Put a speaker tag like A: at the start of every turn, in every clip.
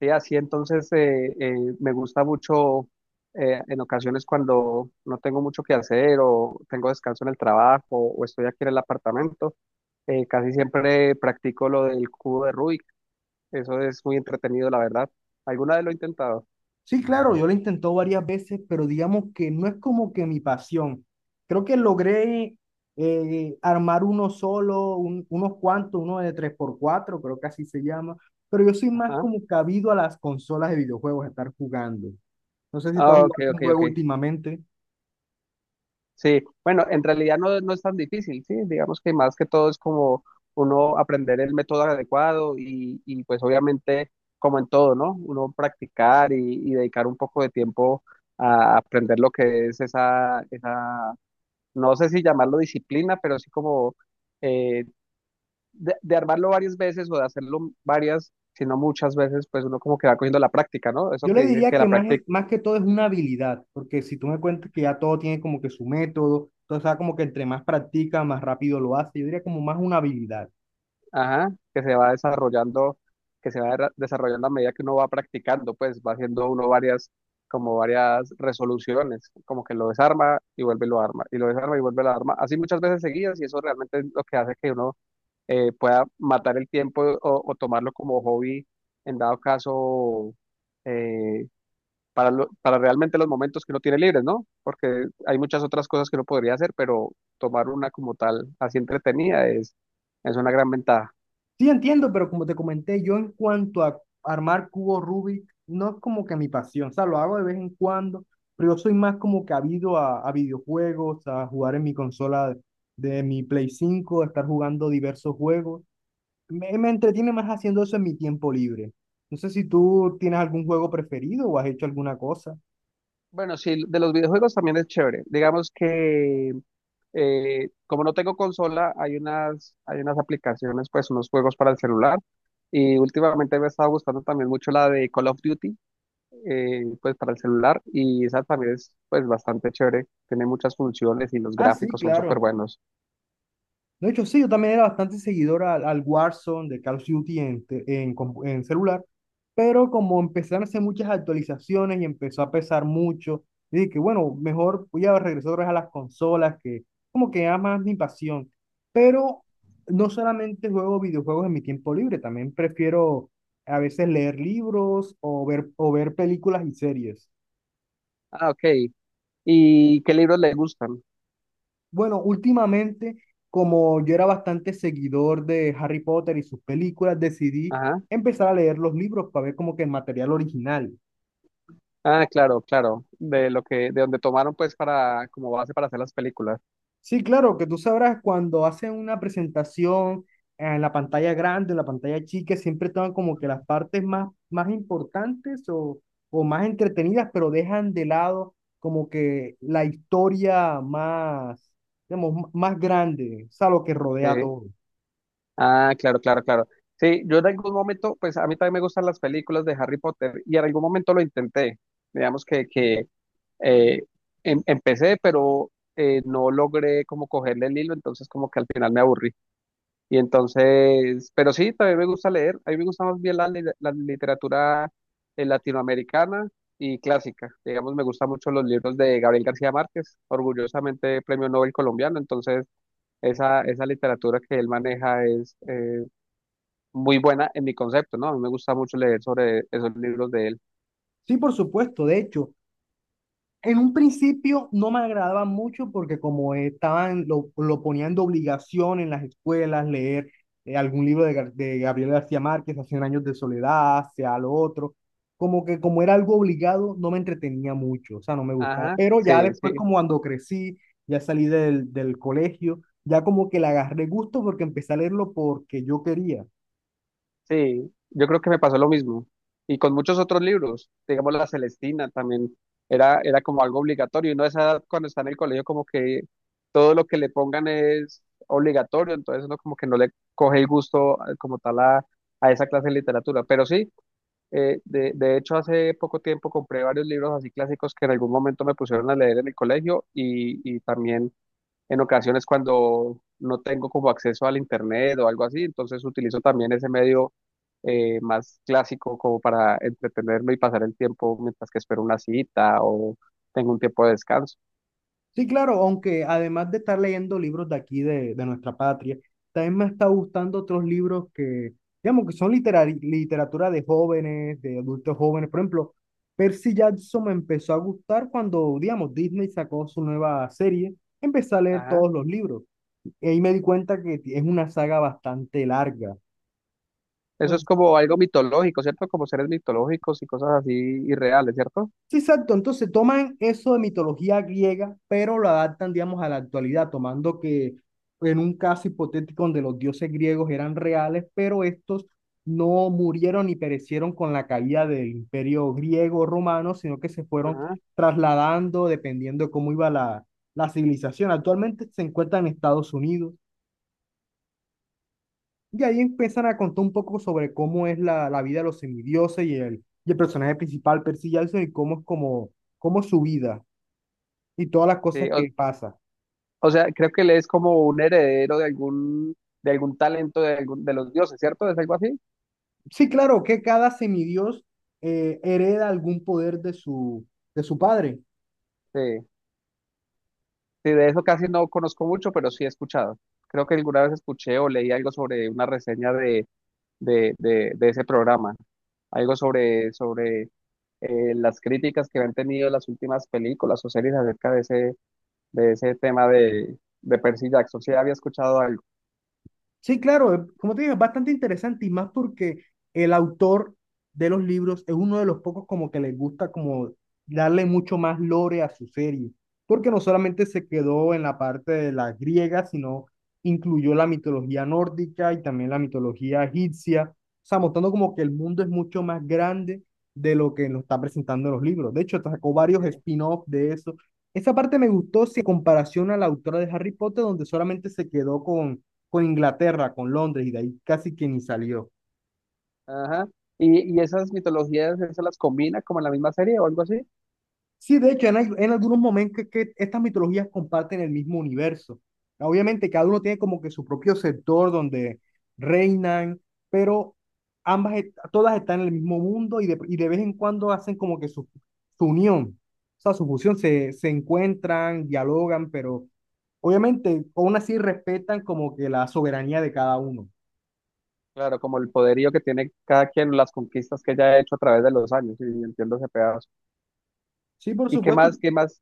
A: Sí, así entonces me gusta mucho en ocasiones cuando no tengo mucho que hacer o tengo descanso en el trabajo o estoy aquí en el apartamento, casi siempre practico lo del cubo de Rubik. Eso es muy entretenido, la verdad. ¿Alguna vez lo he intentado?
B: Sí, claro, yo lo he varias veces, pero digamos que no es como que mi pasión. Creo que logré armar uno solo, unos cuantos, uno de tres por cuatro, creo que así se llama, pero yo soy más
A: Ajá.
B: como cabido a las consolas de videojuegos, a estar jugando. No sé si tú has
A: Ah, ok,
B: jugado un
A: ok,
B: juego
A: ok.
B: últimamente.
A: Sí, bueno, en realidad no, no es tan difícil, sí, digamos que más que todo es como uno aprender el método adecuado y pues obviamente como en todo, ¿no? Uno practicar y dedicar un poco de tiempo a aprender lo que es esa, no sé si llamarlo disciplina, pero sí como eh, de armarlo varias veces o de hacerlo varias, sino muchas veces, pues uno como que va cogiendo la práctica, ¿no? Eso
B: Yo
A: que
B: le
A: dicen
B: diría
A: que
B: que
A: la
B: más,
A: práctica.
B: más que todo es una habilidad, porque si tú me cuentas que ya todo tiene como que su método, entonces ah, como que entre más practica, más rápido lo hace, yo diría como más una habilidad.
A: Ajá, que se va desarrollando, que se va desarrollando a medida que uno va practicando, pues va haciendo uno varias, como varias resoluciones, como que lo desarma y vuelve y lo arma, y lo desarma y vuelve y lo arma, así muchas veces seguidas, y eso realmente es lo que hace que uno pueda matar el tiempo o tomarlo como hobby, en dado caso, eh, para realmente los momentos que uno tiene libres, ¿no? Porque hay muchas otras cosas que uno podría hacer, pero tomar una como tal, así entretenida, es una gran ventaja.
B: Sí, entiendo, pero como te comenté, yo en cuanto a armar cubos Rubik, no es como que mi pasión, o sea, lo hago de vez en cuando, pero yo soy más como que habido a videojuegos, a jugar en mi consola de, mi Play 5 a estar jugando diversos juegos. Me entretiene más haciendo eso en mi tiempo libre. No sé si tú tienes algún juego preferido o has hecho alguna cosa.
A: Bueno, sí, de los videojuegos también es chévere. Digamos que como no tengo consola, hay unas aplicaciones, pues unos juegos para el celular. Y últimamente me he estado gustando también mucho la de Call of Duty, pues para el celular. Y esa también es pues bastante chévere. Tiene muchas funciones y los
B: Ah, sí,
A: gráficos son súper
B: claro.
A: buenos.
B: De hecho, sí, yo también era bastante seguidor al Warzone de Call of Duty en, te- en, compu- en celular, pero como empezaron a hacer muchas actualizaciones y empezó a pesar mucho, dije que bueno, mejor voy a regresar otra vez a las consolas, que como que era más mi pasión. Pero no solamente juego videojuegos en mi tiempo libre, también prefiero a veces leer libros o o ver películas y series.
A: Ah, ok. ¿Y qué libros le gustan?
B: Bueno, últimamente, como yo era bastante seguidor de Harry Potter y sus películas, decidí
A: Ajá.
B: empezar a leer los libros para ver como que el material original.
A: Ah, claro, claro. De donde tomaron pues para, como base para hacer las películas.
B: Sí, claro, que tú sabrás, cuando hacen una presentación en la pantalla grande, en la pantalla chica, siempre toman como que las partes más importantes o más entretenidas, pero dejan de lado como que la historia más, digamos, más grande, o sea, lo que
A: Sí.
B: rodea a todo.
A: Ah, claro, claro, claro. Sí, yo en algún momento, pues a mí también me gustan las películas de Harry Potter y en algún momento lo intenté. Digamos que eh, empecé, pero no logré como cogerle el hilo, entonces como que al final me aburrí. Y entonces, pero sí, también me gusta leer. A mí me gusta más bien la literatura latinoamericana y clásica. Digamos, me gustan mucho los libros de Gabriel García Márquez, orgullosamente Premio Nobel colombiano. Entonces, esa literatura que él maneja es muy buena en mi concepto, ¿no? A mí me gusta mucho leer sobre esos libros de él.
B: Sí, por supuesto, de hecho. En un principio no me agradaba mucho porque como estaban, lo ponían de obligación en las escuelas, leer algún libro de, de Gabriel García Márquez, hace años de soledad, hacia lo otro, como que como era algo obligado, no me entretenía mucho, o sea, no me gustaba.
A: Ajá,
B: Pero
A: sí,
B: ya después,
A: sí,
B: como cuando crecí, ya salí del colegio, ya como que le agarré gusto porque empecé a leerlo porque yo quería.
A: sí. Yo creo que me pasó lo mismo. Y con muchos otros libros, digamos La Celestina también, era como algo obligatorio. Y uno a esa edad, cuando está en el colegio, como que todo lo que le pongan es obligatorio, entonces uno como que no le coge el gusto como tal a esa clase de literatura. Pero sí, de hecho hace poco tiempo compré varios libros así clásicos que en algún momento me pusieron a leer en el colegio y también en ocasiones cuando no tengo como acceso al internet o algo así, entonces utilizo también ese medio más clásico como para entretenerme y pasar el tiempo mientras que espero una cita o tengo un tiempo de descanso.
B: Sí, claro, aunque además de estar leyendo libros de aquí, de nuestra patria, también me está gustando otros libros que, digamos, que son literatura de jóvenes, de adultos jóvenes. Por ejemplo, Percy Jackson me empezó a gustar cuando, digamos, Disney sacó su nueva serie. Empecé a leer
A: Ajá.
B: todos los libros y ahí me di cuenta que es una saga bastante larga.
A: Eso es como algo mitológico, ¿cierto? Como seres mitológicos y cosas así irreales, ¿cierto?
B: Sí, exacto. Entonces toman eso de mitología griega, pero lo adaptan, digamos, a la actualidad, tomando que en un caso hipotético donde los dioses griegos eran reales, pero estos no murieron ni perecieron con la caída del imperio griego romano, sino que se fueron
A: Ajá.
B: trasladando dependiendo de cómo iba la civilización. Actualmente se encuentran en Estados Unidos y ahí empiezan a contar un poco sobre cómo es la vida de los semidioses y y el personaje principal, Percy Jackson, y cómo es su vida y todas las cosas
A: Sí, o,
B: que pasa.
A: o sea, creo que él es como un heredero de algún talento de los dioses, ¿cierto? ¿Es algo así?
B: Sí, claro, que cada semidios hereda algún poder de de su padre.
A: Sí. Sí, de eso casi no conozco mucho, pero sí he escuchado. Creo que alguna vez escuché o leí algo sobre una reseña de ese programa, algo sobre, las críticas que han tenido las últimas películas o series acerca de ese tema de Percy Jackson. Sí, había escuchado algo.
B: Sí, claro, como te digo, es bastante interesante y más porque el autor de los libros es uno de los pocos como que les gusta como darle mucho más lore a su serie, porque no solamente se quedó en la parte de la griega, sino incluyó la mitología nórdica y también la mitología egipcia, o sea, mostrando como que el mundo es mucho más grande de lo que nos está presentando en los libros. De hecho, sacó varios
A: Sí.
B: spin-offs de eso. Esa parte me gustó si en comparación a la autora de Harry Potter, donde solamente se quedó con Inglaterra, con Londres, y de ahí casi que ni salió.
A: Ajá. ¿Y esas mitologías, eso las combina como en la misma serie o algo así?
B: Sí, de hecho, en algunos momentos que estas mitologías comparten el mismo universo. Obviamente, cada uno tiene como que su propio sector donde reinan, pero todas están en el mismo mundo y y de vez en cuando hacen como que su unión, o sea, su fusión, se encuentran, dialogan, pero obviamente, aún así respetan como que la soberanía de cada uno.
A: Claro, como el poderío que tiene cada quien, las conquistas que ella ha hecho a través de los años, y entiendo ese pedazo.
B: Sí, por
A: ¿Y qué
B: supuesto.
A: más, qué más?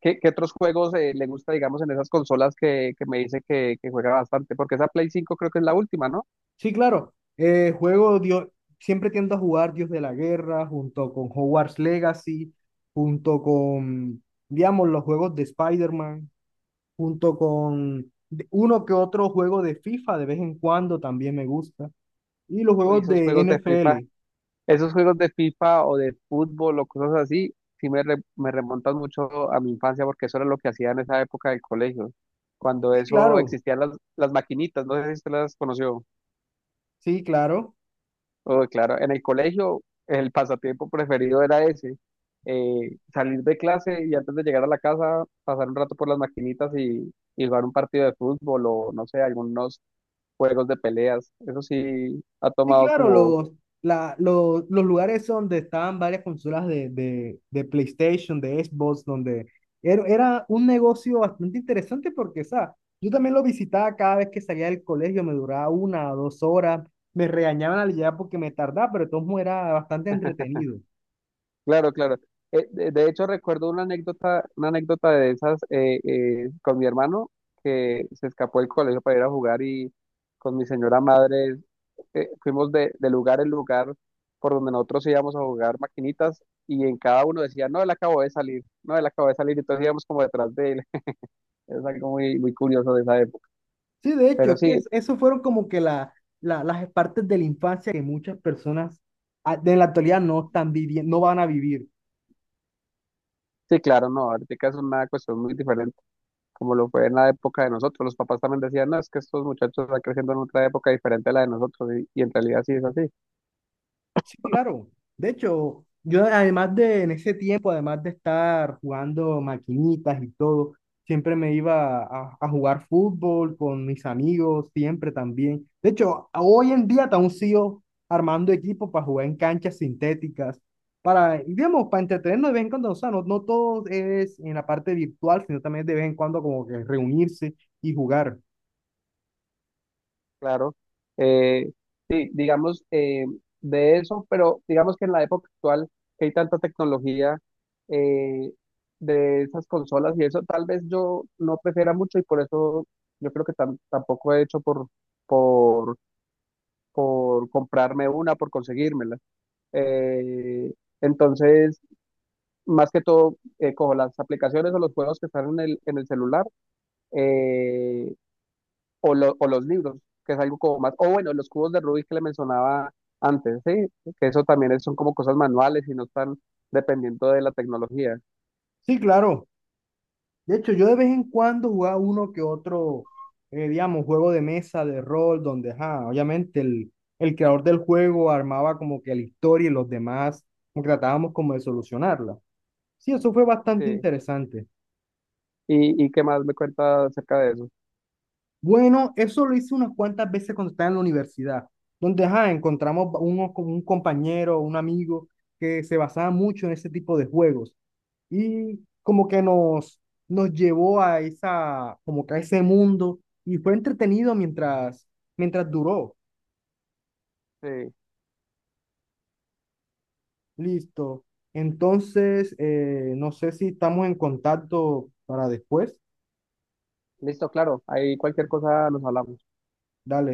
A: ¿Qué otros juegos le gusta, digamos, en esas consolas que me dice que juega bastante? Porque esa Play 5 creo que es la última, ¿no?
B: Sí, claro. Juego Dios, siempre tiendo a jugar Dios de la Guerra junto con Hogwarts Legacy, junto con, digamos, los juegos de Spider-Man, junto con uno que otro juego de FIFA de vez en cuando también me gusta. Y los
A: Uy,
B: juegos
A: esos
B: de
A: juegos de FIFA,
B: NFL.
A: esos juegos de FIFA o de fútbol o cosas así, sí me remontan mucho a mi infancia porque eso era lo que hacía en esa época del colegio, cuando
B: Sí,
A: eso
B: claro.
A: existían las maquinitas, no sé si usted las conoció.
B: Sí, claro.
A: Oh, claro, en el colegio el pasatiempo preferido era ese, salir de clase y antes de llegar a la casa pasar un rato por las maquinitas y jugar un partido de fútbol o no sé, algunos juegos de peleas. Eso sí ha
B: Sí,
A: tomado
B: claro,
A: como.
B: los lugares donde estaban varias consolas de, de PlayStation, de Xbox, donde era un negocio bastante interesante porque, o sea, yo también lo visitaba cada vez que salía del colegio, me duraba una o dos horas, me regañaban al llegar porque me tardaba, pero de todos modos era bastante entretenido.
A: Claro, claro. De hecho, recuerdo una anécdota de esas con mi hermano que se escapó del colegio para ir a jugar y con mi señora madre fuimos de lugar en lugar por donde nosotros íbamos a jugar maquinitas y en cada uno decía, no, él acabó de salir, no, él acabó de salir, y entonces íbamos como detrás de él. Es algo muy, muy curioso de esa época.
B: Sí, de hecho,
A: Pero
B: es que
A: sí,
B: eso fueron como que las partes de la infancia que muchas personas ah, de la actualidad no están viviendo, no van a vivir.
A: sí, claro, no, ahorita es una cuestión muy diferente, como lo fue en la época de nosotros. Los papás también decían, no, es que estos muchachos están creciendo en otra época diferente a la de nosotros, y en realidad sí es así,
B: Sí, claro. De hecho, yo además de en ese tiempo, además de estar jugando maquinitas y todo, siempre me iba a jugar fútbol con mis amigos, siempre también. De hecho, hoy en día aún sigo armando equipos para jugar en canchas sintéticas, para, digamos, para entretenernos de vez en cuando. O sea, no, no todo es en la parte virtual, sino también de vez en cuando como que reunirse y jugar.
A: claro. Eh, sí, digamos, de eso, pero digamos que en la época actual, que hay tanta tecnología eh, de esas consolas y eso, tal vez yo no prefiera mucho y por eso yo creo que tampoco he hecho por, por comprarme una, por conseguírmela. Eh, entonces, más que todo cojo las aplicaciones o los juegos que están en el celular eh, o los libros, que es algo como más, o bueno, los cubos de Rubik que le mencionaba antes, sí, que eso también son como cosas manuales y no están dependiendo de la tecnología,
B: Sí, claro. De hecho, yo de vez en cuando jugaba uno que otro, digamos, juego de mesa, de rol, donde, ajá, obviamente el creador del juego armaba como que la historia y los demás, como que tratábamos como de solucionarla. Sí, eso fue bastante
A: sí.
B: interesante.
A: ¿Y qué más me cuenta acerca de eso?
B: Bueno, eso lo hice unas cuantas veces cuando estaba en la universidad, donde, ajá, encontramos uno, con un compañero, un amigo que se basaba mucho en ese tipo de juegos. Y como que nos llevó a esa, como que a ese mundo y fue entretenido mientras, mientras duró.
A: Sí,
B: Listo. Entonces, no sé si estamos en contacto para después.
A: listo, claro, ahí cualquier cosa nos hablamos.
B: Dale.